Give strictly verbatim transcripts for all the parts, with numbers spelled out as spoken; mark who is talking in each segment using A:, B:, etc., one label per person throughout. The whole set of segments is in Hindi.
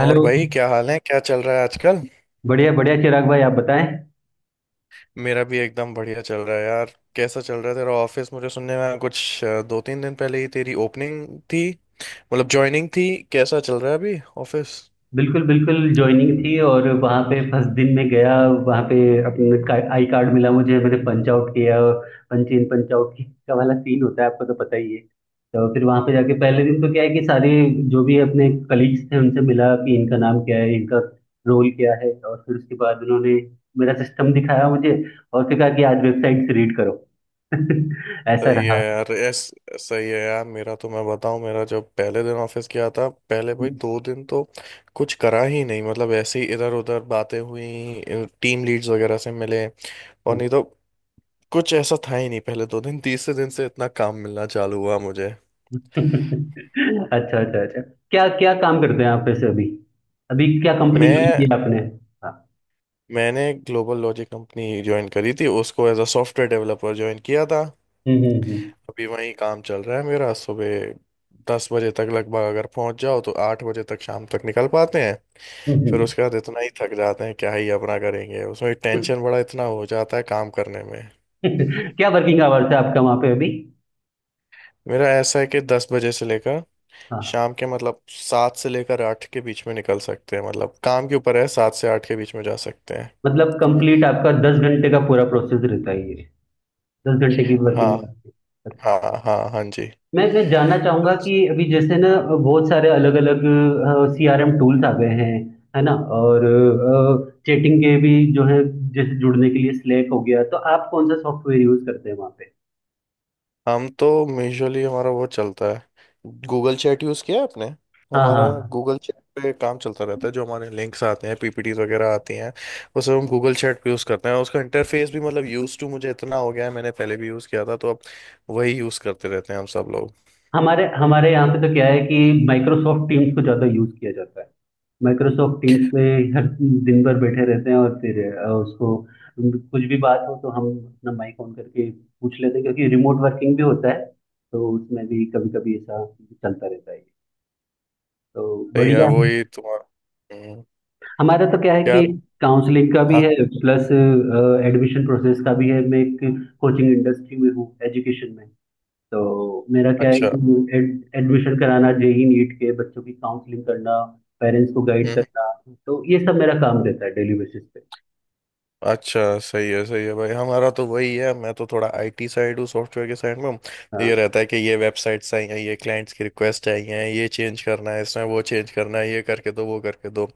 A: और
B: हेलो।
A: भाई क्या हाल है, क्या चल रहा है आजकल।
B: बढ़िया बढ़िया, चिराग भाई, आप बताएं।
A: मेरा भी एकदम बढ़िया चल रहा है यार। कैसा चल रहा है तेरा ऑफिस? मुझे सुनने में आया कुछ अ, दो तीन दिन पहले ही तेरी ओपनिंग थी, मतलब ज्वाइनिंग थी। कैसा चल रहा है अभी ऑफिस?
B: बिल्कुल बिल्कुल ज्वाइनिंग थी, और वहाँ पे फर्स्ट दिन में गया। वहाँ पे अपने का, आई कार्ड मिला मुझे, मैंने पंच आउट किया। पंच इन पंच आउट का वाला सीन होता है, आपको तो पता ही है। तो फिर वहाँ पे जाके पहले दिन तो क्या है कि सारे जो भी अपने कलीग्स थे उनसे मिला कि इनका नाम क्या है, इनका रोल क्या है। और फिर उसके बाद उन्होंने मेरा सिस्टम दिखाया मुझे, और फिर कहा कि आज वेबसाइट से रीड करो। ऐसा
A: सही है
B: रहा।
A: यार। एस सही है यार। मेरा तो, मैं बताऊं, मेरा जब पहले दिन ऑफिस गया था, पहले भाई दो दिन तो कुछ करा ही नहीं। मतलब ऐसे ही इधर उधर बातें हुई, टीम लीड्स वगैरह से मिले, और नहीं तो कुछ ऐसा था ही नहीं पहले दो दिन। तीसरे दिन से इतना काम मिलना चालू हुआ मुझे।
B: अच्छा अच्छा अच्छा। क्या क्या काम करते हैं आप वैसे अभी? अभी क्या कंपनी ज्वाइन
A: मैं
B: की है आपने? हाँ।
A: मैंने ग्लोबल लॉजिक कंपनी ज्वाइन करी थी उसको, as uh software developer join किया था।
B: हम्म हम्म।
A: अभी वही काम चल रहा है मेरा। सुबह दस बजे तक लगभग अगर पहुंच जाओ तो आठ बजे तक, शाम तक निकल पाते हैं।
B: हम्म,
A: फिर
B: हम्म।
A: उसके बाद इतना ही थक जाते हैं, क्या ही अपना करेंगे उसमें। टेंशन बड़ा इतना हो जाता है काम करने में।
B: क्या वर्किंग आवर्स है आपका वहाँ पे अभी?
A: मेरा ऐसा है कि दस बजे से लेकर
B: हाँ हाँ।
A: शाम के मतलब सात से लेकर आठ के बीच में निकल सकते हैं। मतलब काम के ऊपर है, सात से आठ के बीच में जा सकते हैं।
B: मतलब कंप्लीट आपका दस घंटे का पूरा प्रोसेस रहता है ये? दस घंटे की
A: हाँ
B: वर्किंग है आपकी? अच्छा।
A: हाँ हाँ हाँ, हाँ, जी।
B: मैं मैं जानना चाहूंगा कि अभी जैसे ना बहुत सारे अलग अलग सी आर एम टूल्स आ गए हैं, है ना? और चैटिंग के भी जो है, जैसे जुड़ने के लिए स्लैक हो गया, तो आप कौन सा सॉफ्टवेयर यूज करते हैं वहाँ?
A: हम तो मेजरली हमारा वो चलता है गूगल चैट, यूज़ किया है आपने?
B: हाँ
A: हमारा
B: हाँ।
A: गूगल चैट पे काम चलता रहता है। जो हमारे लिंक्स आते हैं, पीपीटीज वगैरह आती हैं, वो सब हम गूगल चैट पे यूज़ करते हैं। उसका इंटरफेस भी मतलब यूज़ टू मुझे इतना हो गया है, मैंने पहले भी यूज़ किया था, तो अब वही यूज़ करते रहते हैं हम सब लोग।
B: हमारे हमारे यहाँ पे तो क्या है कि माइक्रोसॉफ्ट टीम्स को ज़्यादा यूज़ किया जाता है। माइक्रोसॉफ्ट टीम्स में हर दिन भर बैठे रहते हैं, और फिर अ, उसको कुछ भी बात हो तो हम अपना माइक ऑन करके पूछ लेते हैं, क्योंकि रिमोट वर्किंग भी होता है। तो उसमें भी कभी कभी ऐसा चलता रहता है। तो
A: तो यार
B: बढ़िया है।
A: वही तुम्हारा। हम्म,
B: हमारा तो क्या है
A: क्या?
B: कि काउंसलिंग का भी
A: हाँ
B: है,
A: हाँ,
B: प्लस एडमिशन प्रोसेस का भी है। मैं एक कोचिंग इंडस्ट्री में हूँ, एजुकेशन में। तो मेरा क्या है
A: अच्छा।
B: कि एडमिशन कराना, जेई नीट के बच्चों की काउंसलिंग करना, पेरेंट्स को गाइड
A: हम्म,
B: करना। तो ये सब मेरा काम रहता है डेली बेसिस पे।
A: अच्छा। सही है, सही है भाई। हमारा तो वही है, मैं तो थोड़ा आईटी साइड हूँ, सॉफ्टवेयर के साइड में। तो
B: हाँ।
A: ये रहता है कि ये वेबसाइट्स आई हैं, ये क्लाइंट्स की रिक्वेस्ट आई हैं, ये चेंज करना है, इसमें वो चेंज करना है, ये करके दो वो करके दो।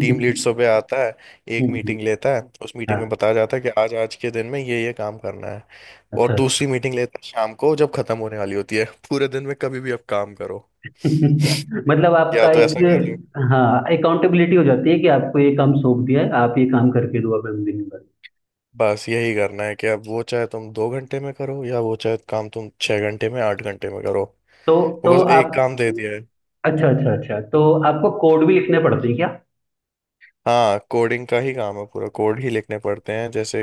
A: टीम लीड्सों पे हम्म आता है, एक मीटिंग लेता है। उस मीटिंग में
B: हाँ,
A: बताया जाता है कि आज आज के दिन में ये ये काम करना है। और
B: अच्छा अच्छा।
A: दूसरी मीटिंग लेता है शाम को जब खत्म होने वाली होती है। पूरे दिन में कभी भी आप काम करो,
B: मतलब
A: या
B: आपका
A: तो ऐसा कर लो,
B: एक, हाँ, अकाउंटेबिलिटी हो जाती है कि आपको ये काम सौंप दिया है, आप ये काम करके दो। अब हम दिन भर,
A: बस यही करना है कि अब वो चाहे तुम दो घंटे में करो या वो चाहे काम तुम छह घंटे में आठ घंटे में करो।
B: तो
A: वो
B: तो
A: बस
B: आप,
A: एक काम दे दिया है।
B: अच्छा अच्छा अच्छा। तो आपको कोड भी लिखने पड़ते हैं क्या?
A: हाँ, कोडिंग का ही काम है, पूरा कोड ही लिखने पड़ते हैं। जैसे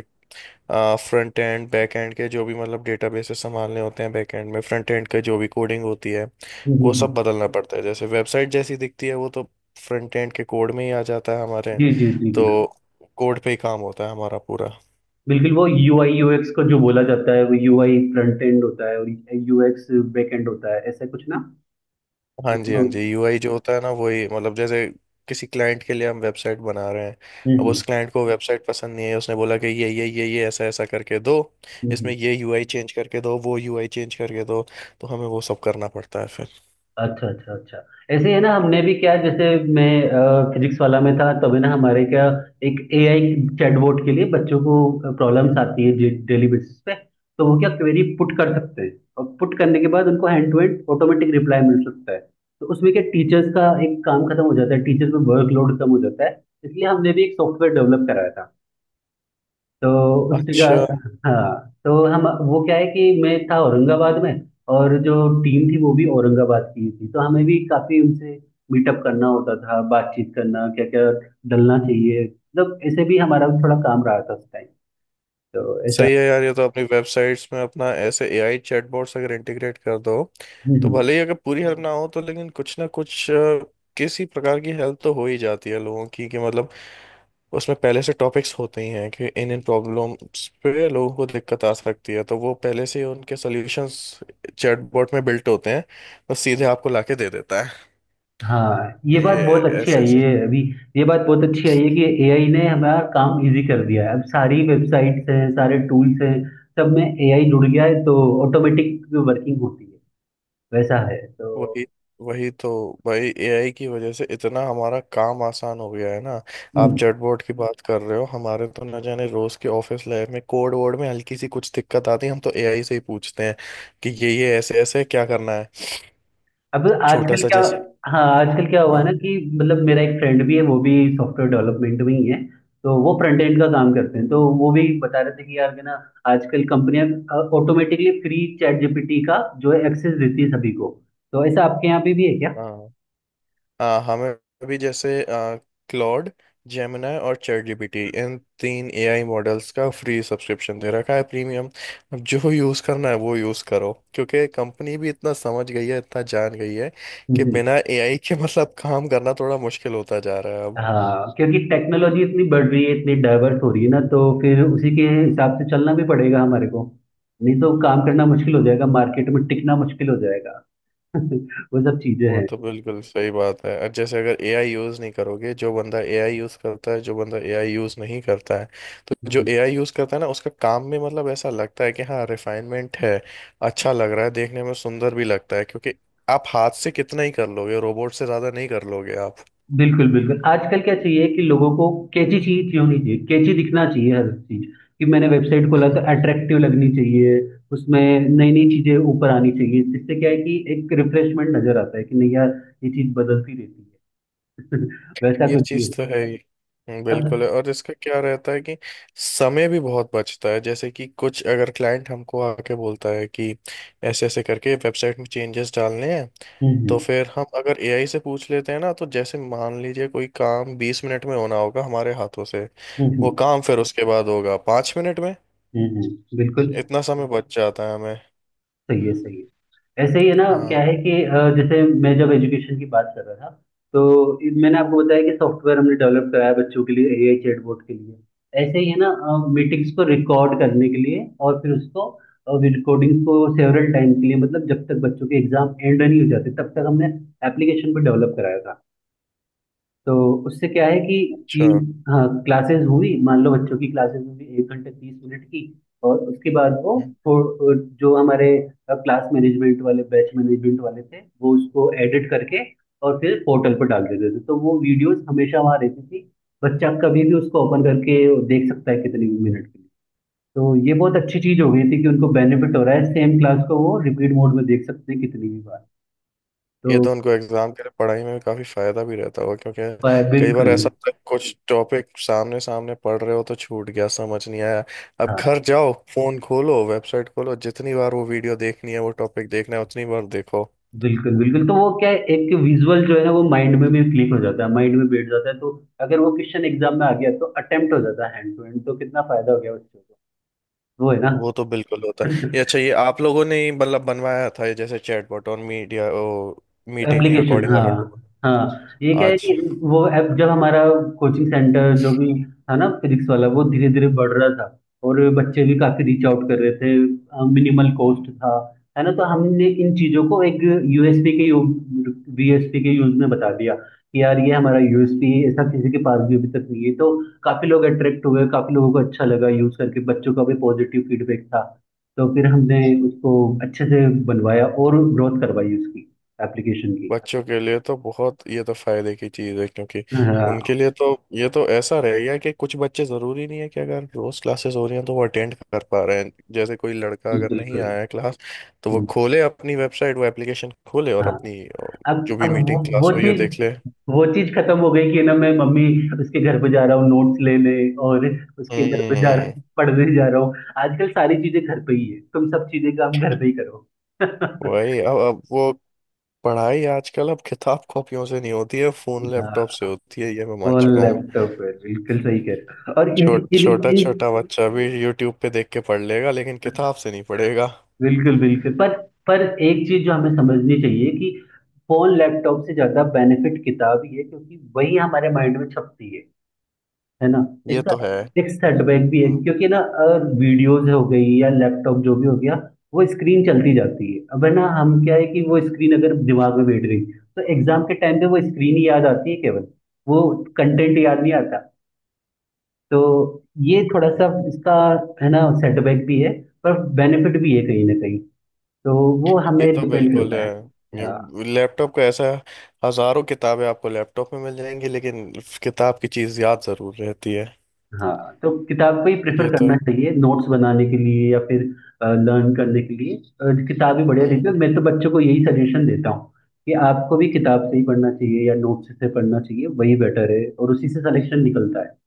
A: फ्रंट एंड बैक एंड के जो भी मतलब डेटाबेसेस संभालने होते हैं बैक एंड में, फ्रंट एंड का जो भी कोडिंग होती है
B: हम्म, हम्म,
A: वो
B: हम्म।
A: सब बदलना पड़ता है। जैसे वेबसाइट जैसी दिखती है वो तो फ्रंट एंड के कोड में ही आ जाता है हमारे।
B: जी जी जी,
A: तो
B: बिल्कुल।
A: कोड पे ही काम होता है हमारा पूरा।
B: बिल्कुल, वो यूआई यूएक्स को जो बोला जाता है, वो यूआई फ्रंट एंड होता है, और यूएक्स बैक एंड होता है, ऐसा कुछ ना?
A: हाँ
B: जिसमें
A: जी, हाँ
B: हम्म।
A: जी। यूआई जो होता है ना, वही मतलब जैसे किसी क्लाइंट के लिए हम वेबसाइट बना रहे हैं, अब उस
B: हम्म
A: क्लाइंट को वेबसाइट पसंद नहीं है, उसने बोला कि ये ये ये ये ऐसा ऐसा करके दो,
B: हम्म,
A: इसमें
B: हम्म।
A: ये यूआई चेंज करके दो, वो यूआई चेंज करके दो, तो हमें वो सब करना पड़ता है फिर।
B: अच्छा अच्छा अच्छा। ऐसे ही है ना, हमने भी क्या, जैसे मैं फिजिक्स वाला में था तभी ना, हमारे क्या एक एआई चैटबॉट के लिए बच्चों को प्रॉब्लम्स आती है डेली बेसिस पे, तो वो क्या क्वेरी पुट कर सकते हैं, और पुट करने के बाद उनको hand to hand automatic reply मिल सकता है। तो उसमें क्या टीचर्स का एक काम खत्म हो जाता है, टीचर्स में वर्कलोड कम हो जाता है, इसलिए हमने भी एक सॉफ्टवेयर डेवलप कराया था। तो उस जगह,
A: अच्छा।
B: हाँ, तो हम वो क्या है कि मैं था औरंगाबाद में, और जो टीम थी वो भी औरंगाबाद की ही थी, तो हमें भी काफी उनसे मीटअप करना होता था, बातचीत करना क्या क्या डलना चाहिए, मतलब ऐसे भी हमारा थोड़ा काम रहा था उस टाइम। तो ऐसा।
A: सही है यार। ये तो अपनी वेबसाइट्स में अपना ऐसे एआई चैटबॉट्स अगर इंटीग्रेट कर दो
B: हम्म,
A: तो
B: हम्म।
A: भले ही अगर पूरी हेल्प ना हो तो लेकिन कुछ ना कुछ अ, किसी प्रकार की हेल्प तो हो ही जाती है लोगों की। कि मतलब उसमें पहले से टॉपिक्स होते ही हैं कि इन इन प्रॉब्लम्स पे लोगों को दिक्कत आ सकती है, तो वो पहले से ही उनके सॉल्यूशंस चैटबॉट में बिल्ट होते हैं, बस सीधे आपको लाके दे देता है।
B: हाँ, ये
A: ये
B: बात
A: ये
B: बहुत अच्छी
A: ऐसे
B: आई
A: ऐसे।
B: है अभी। ये बात बहुत अच्छी आई है कि एआई ने हमारा काम इजी कर दिया है, अब सारी वेबसाइट्स हैं, सारे टूल्स हैं, सब में एआई जुड़ गया है, तो ऑटोमेटिक वर्किंग होती है, वैसा है तो।
A: वही वही तो भाई, एआई की वजह से इतना हमारा काम आसान हो गया है ना। आप
B: हम्म।
A: चैटबॉट की बात कर रहे हो, हमारे तो न जाने रोज के ऑफिस लाइफ में कोड वर्ड में हल्की सी कुछ दिक्कत आती है, हम तो एआई से ही पूछते हैं कि ये ये ऐसे ऐसे क्या करना है,
B: अब
A: छोटा
B: आजकल
A: सा
B: क्या,
A: जैसे।
B: हाँ, आजकल क्या हुआ ना
A: हाँ।
B: कि मतलब मेरा एक फ्रेंड भी है वो भी सॉफ्टवेयर डेवलपमेंट में ही है, तो वो फ्रंट एंड का काम करते हैं, तो वो भी बता रहे थे कि यार कि ना आजकल कंपनियां ऑटोमेटिकली फ्री चैट जीपीटी का जो है एक्सेस देती है सभी को, तो ऐसा आपके यहाँ पे भी है क्या?
A: हाँ। आ, हमें अभी जैसे क्लॉड, जेमिनाई और चैट जीपीटी, इन तीन एआई मॉडल्स का फ्री सब्सक्रिप्शन दे रखा है, प्रीमियम। अब जो यूज़ करना है वो यूज़ करो, क्योंकि कंपनी भी इतना समझ गई है, इतना जान गई है कि
B: हम्म।
A: बिना एआई के मतलब काम करना थोड़ा मुश्किल होता जा रहा है अब।
B: हाँ, क्योंकि टेक्नोलॉजी इतनी बढ़ रही है, इतनी डाइवर्स हो रही है ना, तो फिर उसी के हिसाब से चलना भी पड़ेगा हमारे को, नहीं तो काम करना मुश्किल हो जाएगा, मार्केट में टिकना मुश्किल हो जाएगा। वो सब चीजें
A: वो
B: हैं।
A: तो बिल्कुल सही बात है। और जैसे अगर एआई यूज़ नहीं करोगे, जो बंदा एआई यूज़ करता है, जो बंदा एआई यूज़ नहीं करता है, तो जो एआई यूज़ करता है ना, उसका काम में मतलब ऐसा लगता है कि हाँ रिफाइनमेंट है, अच्छा लग रहा है देखने में, सुंदर भी लगता है। क्योंकि आप हाथ से कितना ही कर लोगे, रोबोट से ज़्यादा नहीं कर लोगे आप।
B: बिल्कुल, बिल्कुल। आजकल क्या चाहिए कि लोगों को कैची चीज़ होनी चाहिए, कैची दिखना चाहिए हर चीज़, कि मैंने वेबसाइट खोला तो
A: हम्म।
B: अट्रैक्टिव लगनी चाहिए, उसमें नई-नई चीज़ें ऊपर आनी चाहिए, जिससे क्या है कि एक रिफ्रेशमेंट नज़र आता है कि नहीं यार, ये चीज़ बदलती रहती है। वैसा
A: ये
B: कुछ नहीं
A: चीज़
B: है।
A: तो है ही। हम्म,
B: अब।
A: बिल्कुल है। और इसका क्या रहता है कि समय भी बहुत बचता है। जैसे कि कुछ अगर क्लाइंट हमको आके बोलता है कि ऐसे ऐसे करके वेबसाइट में चेंजेस डालने हैं,
B: हुँ,
A: तो
B: हुँ।
A: फिर हम अगर एआई से पूछ लेते हैं ना, तो जैसे मान लीजिए कोई काम बीस मिनट में होना होगा हमारे हाथों से,
B: हुँ,
A: वो
B: हुँ।
A: काम फिर उसके बाद होगा पाँच मिनट में।
B: हुँ, हुँ। बिल्कुल,
A: इतना समय बच जाता है हमें।
B: सही है, सही है। ऐसे ही है ना, क्या
A: हाँ।
B: है कि अ, जैसे मैं जब एजुकेशन की बात कर रहा था, तो इ- मैंने आपको बताया कि सॉफ्टवेयर हमने डेवलप कराया बच्चों के लिए, एआई चैटबॉट के लिए। ऐसे ही है ना मीटिंग्स को रिकॉर्ड करने के लिए, और फिर उसको रिकॉर्डिंग्स को सेवरल टाइम के लिए, मतलब जब तक बच्चों के एग्जाम एंड नहीं हो जाते तब तक हमने एप्लीकेशन को डेवलप कराया था। तो उससे क्या है कि
A: अच्छा।
B: टीम, हाँ, क्लासेस हुई, मान लो बच्चों की क्लासेस हुई एक घंटे तीस मिनट की, और उसके बाद वो
A: हम्म।
B: थो- जो हमारे क्लास मैनेजमेंट वाले, बैच मैनेजमेंट वाले थे, वो उसको एडिट करके और फिर पोर्टल पर डाल देते थे। तो वो वीडियोस हमेशा वहाँ रहती थी, बच्चा कभी भी उसको ओपन करके देख सकता है कितने भी मिनट के लिए। तो ये बहुत अच्छी चीज हो गई थी कि उनको बेनिफिट हो रहा है, सेम क्लास को वो रिपीट मोड में देख सकते हैं कितनी भी बार।
A: ये
B: तो
A: तो उनको एग्जाम के लिए पढ़ाई में भी काफी फायदा भी रहता होगा, क्योंकि
B: अ,
A: कई बार
B: बिल्कुल।
A: ऐसा होता है कुछ टॉपिक सामने सामने पढ़ रहे हो तो छूट गया, समझ नहीं आया। अब घर
B: हाँ,
A: जाओ, फोन खोलो, वेबसाइट खोलो, जितनी बार वो वीडियो देखनी है, वो टॉपिक देखना है, उतनी बार देखो।
B: बिल्कुल बिल्कुल, तो वो क्या है एक विजुअल जो है ना वो माइंड में भी क्लिक हो जाता है, माइंड में बैठ जाता है, तो अगर वो क्वेश्चन एग्जाम में आ गया तो अटेम्प्ट हो जाता है हैंड टू हैंड, तो कितना फायदा हो गया बच्चों को। वो है
A: वो तो बिल्कुल होता है। ये
B: ना
A: अच्छा, ये आप लोगों ने ही मतलब बनवाया था, ये जैसे चैटबॉट और मीडिया ओ, मीटिंग
B: एप्लीकेशन।
A: रिकॉर्डिंग
B: हाँ
A: वाला टूल।
B: हाँ, ये
A: हाँ
B: क्या है
A: आज
B: कि वो ऐप जब हमारा कोचिंग सेंटर जो भी था ना, फिजिक्स वाला, वो धीरे धीरे बढ़ रहा था, और बच्चे भी काफी रीच आउट कर रहे थे, मिनिमल कॉस्ट था, है ना, तो हमने इन चीजों को एक यूएसपी के, वीएसपी के यूज में बता दिया कि यार ये हमारा यूएसपी है, ऐसा किसी के पास भी अभी तक नहीं है, तो काफी लोग अट्रैक्ट हुए, काफी लोगों को अच्छा लगा यूज करके, बच्चों का भी पॉजिटिव फीडबैक था, तो फिर हमने उसको अच्छे से बनवाया, और ग्रोथ करवाई उसकी एप्लीकेशन की।
A: बच्चों के लिए तो बहुत, ये तो फायदे की चीज़ है, क्योंकि उनके
B: हाँ।
A: लिए तो ये तो ऐसा रह गया कि कुछ बच्चे, ज़रूरी नहीं है कि अगर रोज़ क्लासेस हो रही हैं तो वो अटेंड कर पा रहे हैं। जैसे कोई लड़का अगर नहीं
B: बिल्कुल।
A: आया है क्लास, तो वो खोले अपनी वेबसाइट, वो एप्लीकेशन खोले और
B: हाँ,
A: अपनी ओ,
B: अब
A: जो
B: अब
A: भी
B: वो
A: मीटिंग
B: वो
A: क्लास हुई है
B: चीज
A: देख ले।
B: वो चीज खत्म हो गई कि ना मैं मम्मी उसके घर पे जा रहा हूँ नोट्स लेने, और उसके घर पे जा
A: हम्म।
B: पढ़ने जा रहा हूँ। आजकल सारी चीजें घर पे ही है, तुम सब चीजें काम घर पे ही करो।
A: वही, अब अब वो पढ़ाई आजकल, अब किताब कॉपियों से नहीं होती है, फोन लैपटॉप से
B: हाँ,
A: होती है, ये मैं मान
B: वो
A: चुका हूँ।
B: लैपटॉप है, बिल्कुल सही कह रहे हो। और इन,
A: छोट
B: इन,
A: छोटा
B: इन-
A: छोटा बच्चा भी यूट्यूब पे देख के पढ़ लेगा, लेकिन किताब से नहीं पढ़ेगा।
B: बिल्कुल बिल्कुल, पर पर एक चीज जो हमें समझनी चाहिए कि फोन लैपटॉप से ज्यादा बेनिफिट किताब ही है, क्योंकि वही हमारे माइंड में छपती है है ना?
A: ये
B: इसका
A: तो है।
B: एक सेटबैक भी है
A: हाँ।
B: क्योंकि ना वीडियोस हो गई या लैपटॉप जो भी हो गया, वो स्क्रीन चलती जाती है। अब है ना हम क्या है कि वो स्क्रीन अगर दिमाग में बैठ गई तो एग्जाम के टाइम पे वो स्क्रीन ही याद आती है केवल, वो कंटेंट याद नहीं आता। तो ये
A: हम्म,
B: थोड़ा सा
A: हम्म।
B: इसका है ना सेटबैक भी है, पर बेनिफिट भी है कहीं ना कहीं। तो वो
A: ये
B: हमें
A: तो
B: डिपेंड
A: बिल्कुल
B: करता
A: है।
B: है। Yeah.
A: लैपटॉप का ऐसा है, हजारों किताबें आपको लैपटॉप में मिल जाएंगी, लेकिन किताब की चीज याद जरूर रहती है।
B: हाँ, तो किताब को ही प्रेफर
A: ये तो।
B: करना चाहिए नोट्स बनाने के लिए या फिर लर्न करने के लिए। अ, किताब ही बढ़िया
A: हम्म।
B: रहती है, मैं तो बच्चों को यही सजेशन देता हूँ कि आपको भी किताब से ही पढ़ना चाहिए या नोट्स से पढ़ना चाहिए, वही बेटर है, और उसी से सिलेक्शन निकलता है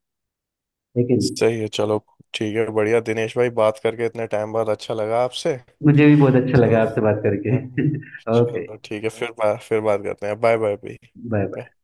B: है कि नहीं?
A: सही है, चलो, ठीक है। बढ़िया दिनेश भाई, बात करके इतने टाइम बाद अच्छा लगा आपसे।
B: मुझे भी बहुत अच्छा
A: चलो।
B: लगा आपसे बात करके।
A: हाँ,
B: ओके।
A: चलो ठीक है, फिर बा- फिर बात करते हैं। बाय बाय भाई।
B: Bye bye.
A: Bye.